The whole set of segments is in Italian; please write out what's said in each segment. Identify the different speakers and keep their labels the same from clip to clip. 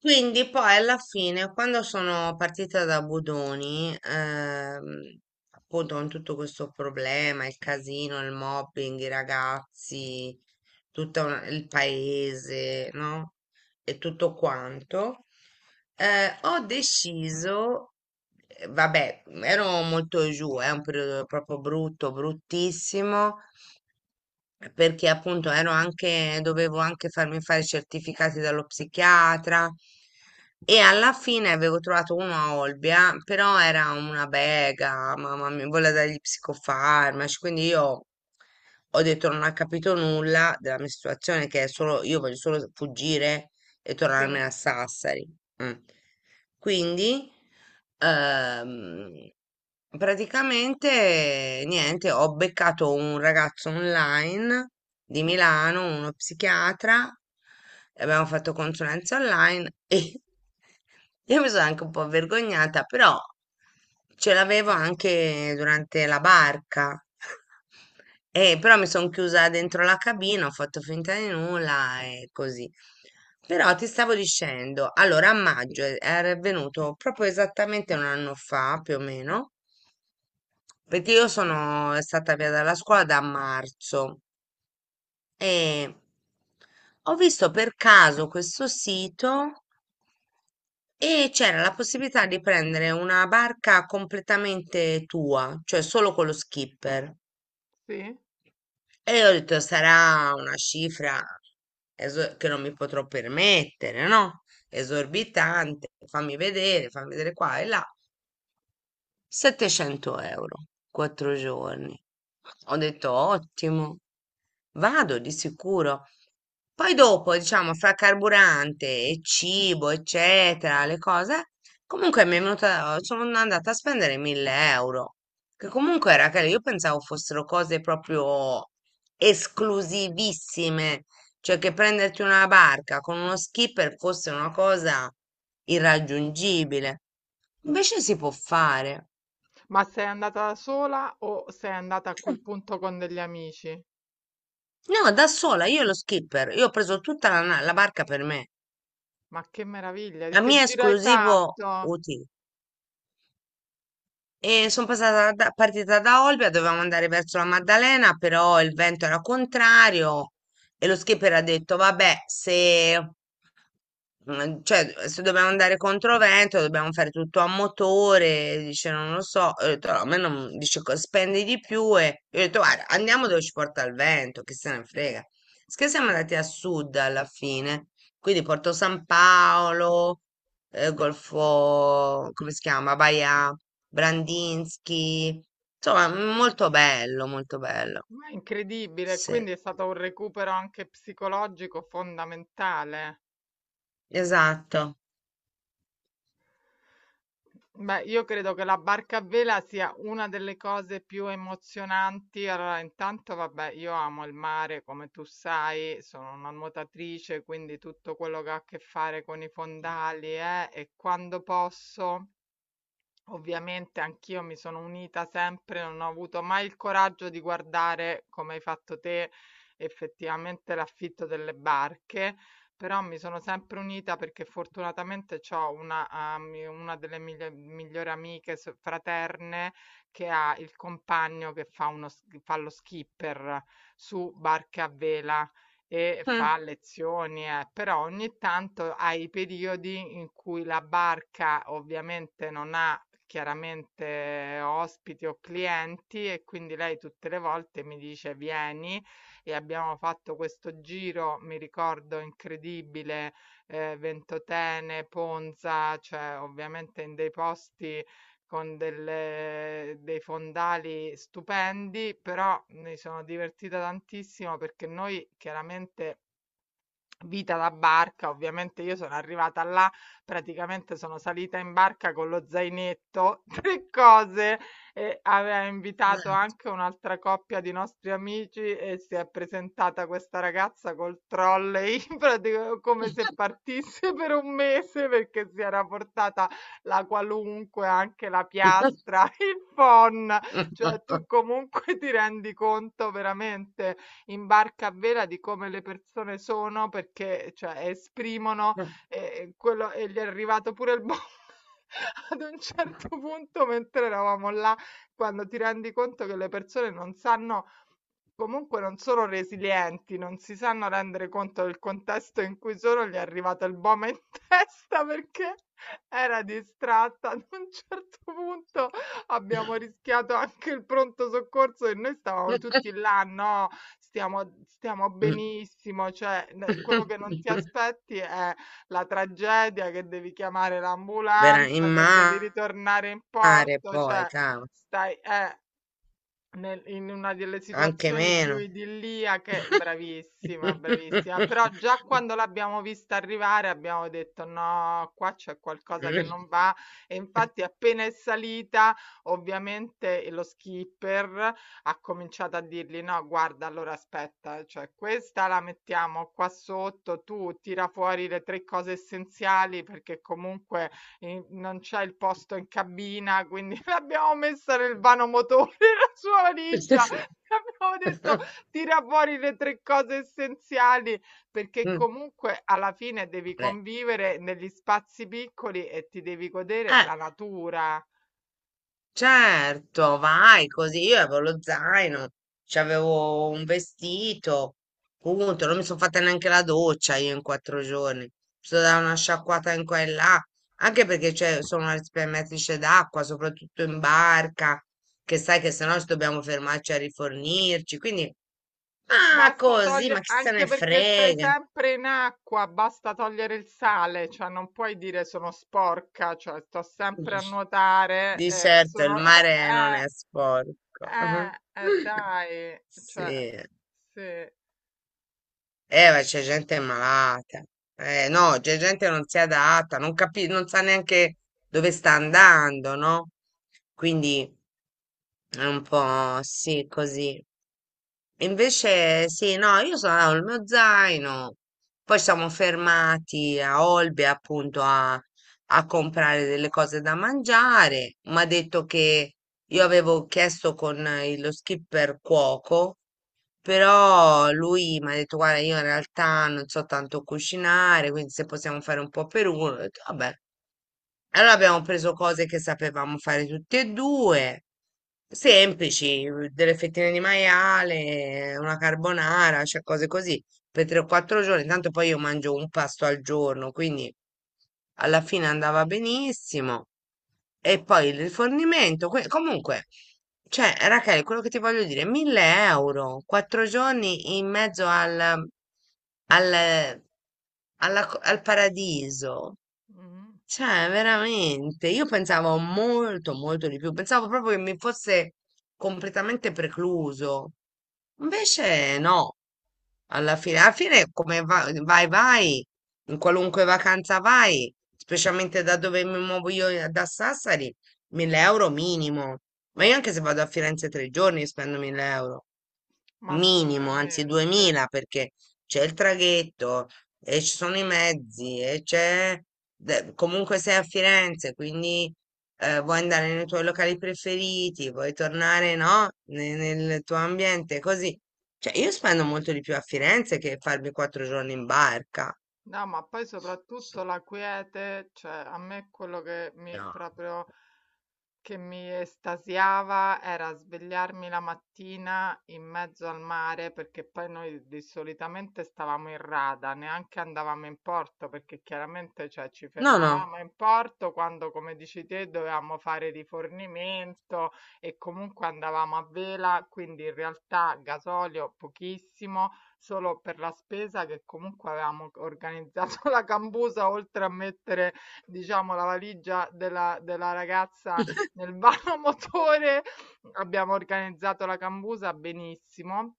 Speaker 1: Quindi poi alla fine, quando sono partita da Budoni, appunto con tutto questo problema, il casino, il mobbing, i ragazzi, tutto il paese, no? E tutto quanto, ho deciso, vabbè, ero molto giù, è un periodo proprio brutto, bruttissimo, perché appunto ero anche, dovevo anche farmi fare i certificati dallo psichiatra e alla fine avevo trovato uno a Olbia, però era una bega, mamma mia, voleva dargli psicofarmaci, quindi io ho detto non ha capito nulla della mia situazione, che è solo, io voglio solo fuggire e
Speaker 2: Sì,
Speaker 1: tornarmene a Sassari. Mm. Quindi, ehm, praticamente, niente, ho beccato un ragazzo online di Milano, uno psichiatra, e abbiamo fatto consulenza online e io mi sono anche un po' vergognata, però ce l'avevo anche durante la barca. Però mi sono chiusa dentro la cabina, ho fatto finta di nulla e così. Però ti stavo dicendo, allora a maggio è venuto proprio esattamente un anno fa, più o meno, perché io sono stata via dalla scuola da marzo e ho visto per caso questo sito e c'era la possibilità di prendere una barca completamente tua, cioè solo con lo skipper.
Speaker 2: sì.
Speaker 1: E io ho detto, sarà una cifra che non mi potrò permettere, no? Esorbitante, fammi vedere qua e là. 700 euro, 4 giorni. Ho detto ottimo, vado di sicuro. Poi dopo, diciamo, fra carburante e cibo, eccetera, le cose, comunque mi è venuta, sono andata a spendere 1000 euro, che comunque era che io pensavo fossero cose proprio esclusivissime, cioè che prenderti una barca con uno skipper fosse una cosa irraggiungibile. Invece si può fare.
Speaker 2: Ma sei andata da sola o sei andata a quel
Speaker 1: Eh,
Speaker 2: punto con degli amici?
Speaker 1: No, da sola, io lo skipper, io ho preso tutta la barca per me,
Speaker 2: Ma che meraviglia,
Speaker 1: a
Speaker 2: che
Speaker 1: mio
Speaker 2: giro hai
Speaker 1: esclusivo
Speaker 2: fatto?
Speaker 1: utile. E sono passata partita da Olbia, dovevamo andare verso la Maddalena, però il vento era contrario e lo skipper ha detto, vabbè, se, cioè, se dobbiamo andare contro vento, dobbiamo fare tutto a motore, dice, non lo so, ho detto, "No, a me non, dice, spendi di più e io ho detto, guarda, andiamo dove ci porta il vento, che se ne frega. Sì che siamo andati a sud alla fine quindi Porto San Paolo, Golfo, come si chiama? Baia Brandinsky, insomma, molto bello, molto bello.
Speaker 2: Ma è incredibile,
Speaker 1: Sì,
Speaker 2: quindi è stato un recupero anche psicologico fondamentale.
Speaker 1: esatto.
Speaker 2: Beh, io credo che la barca a vela sia una delle cose più emozionanti. Allora, intanto, vabbè, io amo il mare, come tu sai, sono una nuotatrice, quindi tutto quello che ha a che fare con i fondali, e quando posso. Ovviamente anch'io mi sono unita sempre, non ho avuto mai il coraggio di guardare, come hai fatto te, effettivamente l'affitto delle barche, però mi sono sempre unita perché fortunatamente ho una, una delle migliori amiche fraterne che ha il compagno che fa, uno, fa lo skipper su barche a vela e
Speaker 1: Mm,
Speaker 2: fa lezioni, però ogni tanto ha i periodi in cui la barca ovviamente non ha chiaramente ospiti o clienti, e quindi lei tutte le volte mi dice vieni e abbiamo fatto questo giro, mi ricordo, incredibile, Ventotene, Ponza, cioè ovviamente in dei posti con delle dei fondali stupendi, però mi sono divertita tantissimo perché noi chiaramente vita da barca, ovviamente io sono arrivata là, praticamente sono salita in barca con lo zainetto, tre cose, e aveva invitato
Speaker 1: esatto.
Speaker 2: anche un'altra coppia di nostri amici e si è presentata questa ragazza col trolley, praticamente come se partisse per un mese perché si era portata la qualunque, anche la piastra, il phon, cioè tu comunque ti rendi conto veramente in barca a vela di come le persone sono perché, cioè, esprimono, quello. E gli è arrivato pure il bolle ad un certo punto mentre eravamo là, quando ti rendi conto che le persone non sanno, comunque non sono resilienti, non si sanno rendere conto del contesto in cui sono, gli è arrivato il bome in testa perché era distratta. Ad un certo punto abbiamo rischiato anche il pronto soccorso e noi stavamo tutti là, no, stiamo, stiamo benissimo, cioè quello che non ti aspetti è la tragedia che devi chiamare
Speaker 1: In
Speaker 2: l'ambulanza, che devi
Speaker 1: mare
Speaker 2: ritornare in porto,
Speaker 1: poi,
Speaker 2: cioè
Speaker 1: cavolo,
Speaker 2: stai, nel in una delle
Speaker 1: anche
Speaker 2: situazioni più
Speaker 1: meno.
Speaker 2: idilliache, bravissima, bravissima. Però già quando l'abbiamo vista arrivare abbiamo detto: "No, qua c'è qualcosa che non va". E infatti appena è salita, ovviamente lo skipper ha cominciato a dirgli: "No, guarda, allora aspetta, cioè questa la mettiamo qua sotto, tu tira fuori le 3 cose essenziali, perché comunque e non c'è il posto in cabina, quindi l'abbiamo messa nel motori la sua valigia. Abbiamo detto tira fuori le tre cose essenziali, perché comunque alla fine devi
Speaker 1: Eh,
Speaker 2: convivere negli spazi piccoli e ti devi godere
Speaker 1: Eh,
Speaker 2: la natura.
Speaker 1: certo, vai così. Io avevo lo zaino, c'avevo un vestito, punto. Non mi sono fatta neanche la doccia io in 4 giorni. Mi sono data una sciacquata in qua e là, anche perché cioè, sono una risparmiatrice d'acqua, soprattutto in barca, che sai che se no ci dobbiamo fermarci a rifornirci. Quindi, ah,
Speaker 2: Basta
Speaker 1: così, ma
Speaker 2: togliere,
Speaker 1: chi se
Speaker 2: anche
Speaker 1: ne
Speaker 2: perché stai
Speaker 1: frega?
Speaker 2: sempre in acqua, basta togliere il sale, cioè non puoi dire sono sporca, cioè sto sempre a nuotare,
Speaker 1: Di certo, il
Speaker 2: sono
Speaker 1: mare non è sporco.
Speaker 2: eh, dai, cioè,
Speaker 1: Sì.
Speaker 2: sì,
Speaker 1: Ma c'è gente malata. No, c'è gente che non si adatta, non sa neanche dove sta andando, no? Quindi è un po' sì, così. Invece, sì, no, io sono andato il mio zaino, poi siamo fermati a Olbia appunto a, a comprare delle cose da mangiare. Mi ha detto che io avevo chiesto con lo skipper cuoco però lui mi ha detto, guarda, io in realtà non so tanto cucinare, quindi se possiamo fare un po' per uno, ho detto, vabbè, allora abbiamo preso cose che sapevamo fare tutte e due, semplici, delle fettine di maiale, una carbonara, cioè cose così, per 3-4 giorni. Tanto poi io mangio un pasto al giorno, quindi alla fine andava benissimo. E poi il rifornimento. Comunque, cioè, Rachele, quello che ti voglio dire, 1000 euro, 4 giorni in mezzo al paradiso.
Speaker 2: mhm,
Speaker 1: Cioè, veramente, io pensavo molto, molto di più, pensavo proprio che mi fosse completamente precluso. Invece no, alla fine come vai, vai, in qualunque vacanza vai, specialmente da dove mi muovo io da Sassari, 1000 euro minimo. Ma io anche se vado a Firenze 3 giorni spendo 1000 euro
Speaker 2: ma
Speaker 1: minimo, anzi
Speaker 2: assolutamente.
Speaker 1: 2000 perché c'è il traghetto e ci sono i mezzi e c'è comunque sei a Firenze, quindi vuoi andare nei tuoi locali preferiti, vuoi tornare, no? Nel tuo ambiente, così. Cioè, io spendo molto di più a Firenze che farmi 4 giorni in barca.
Speaker 2: No, ma poi soprattutto la quiete, cioè, a me è quello che mi
Speaker 1: No,
Speaker 2: proprio che mi estasiava era svegliarmi la mattina in mezzo al mare, perché poi noi di solitamente stavamo in rada, neanche andavamo in porto, perché chiaramente, cioè, ci
Speaker 1: no, no.
Speaker 2: fermavamo in porto quando, come dici te, dovevamo fare rifornimento e comunque andavamo a vela, quindi in realtà gasolio pochissimo, solo per la spesa che comunque avevamo organizzato la cambusa, oltre a mettere, diciamo, la valigia della ragazza nel vano motore. Abbiamo organizzato la cambusa benissimo.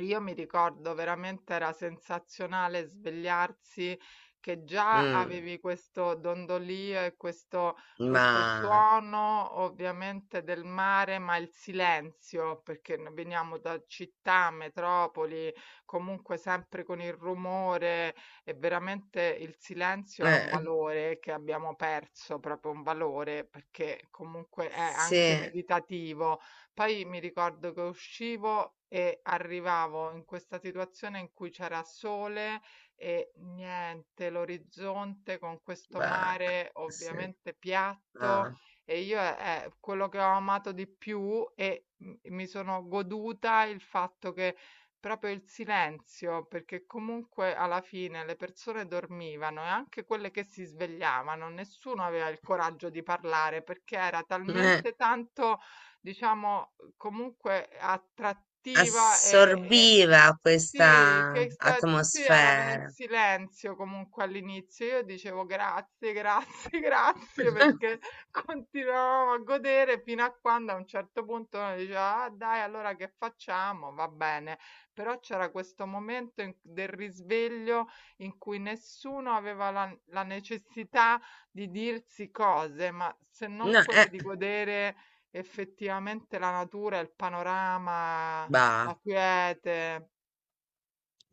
Speaker 2: Io mi ricordo veramente era sensazionale svegliarsi, che già
Speaker 1: Mm,
Speaker 2: avevi questo dondolio e questo,
Speaker 1: ma
Speaker 2: questo suono ovviamente del mare, ma il silenzio, perché noi veniamo da città, metropoli, comunque sempre con il rumore, e veramente il silenzio è un
Speaker 1: eh,
Speaker 2: valore che abbiamo perso, proprio un valore, perché comunque è anche
Speaker 1: sì,
Speaker 2: meditativo. Poi mi ricordo che uscivo e arrivavo in questa situazione in cui c'era sole e niente, l'orizzonte con questo
Speaker 1: bah,
Speaker 2: mare
Speaker 1: sì,
Speaker 2: ovviamente piatto,
Speaker 1: no.
Speaker 2: e io è quello che ho amato di più, e mi sono goduta il fatto che proprio il silenzio, perché comunque alla fine le persone dormivano e anche quelle che si svegliavano, nessuno aveva il coraggio di parlare perché era talmente tanto, diciamo, comunque attrattiva e-
Speaker 1: Assorbiva
Speaker 2: sì, che
Speaker 1: questa
Speaker 2: tutti erano in
Speaker 1: atmosfera.
Speaker 2: silenzio comunque all'inizio. Io dicevo grazie, grazie, grazie, perché continuavamo a godere fino a quando a un certo punto uno diceva, ah, dai, allora che facciamo? Va bene. Però c'era questo momento del risveglio in cui nessuno aveva la necessità di dirsi cose, ma se non
Speaker 1: No,
Speaker 2: quelle di godere effettivamente la natura, il panorama,
Speaker 1: bah.
Speaker 2: la quiete,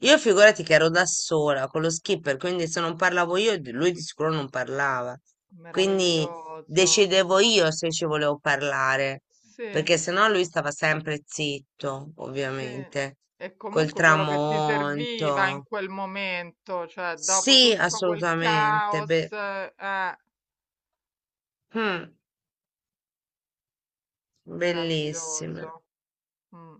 Speaker 1: Io figurati che ero da sola con lo skipper, quindi se non parlavo io, lui di sicuro non parlava. Quindi
Speaker 2: meraviglioso.
Speaker 1: decidevo io se ci volevo parlare,
Speaker 2: Sì,
Speaker 1: perché sennò lui stava sempre zitto,
Speaker 2: sì.
Speaker 1: ovviamente,
Speaker 2: E
Speaker 1: col
Speaker 2: comunque quello che ti serviva in
Speaker 1: tramonto.
Speaker 2: quel momento, cioè dopo
Speaker 1: Sì,
Speaker 2: tutto quel
Speaker 1: assolutamente.
Speaker 2: caos,
Speaker 1: Mm, bellissimo.
Speaker 2: meraviglioso. Mm.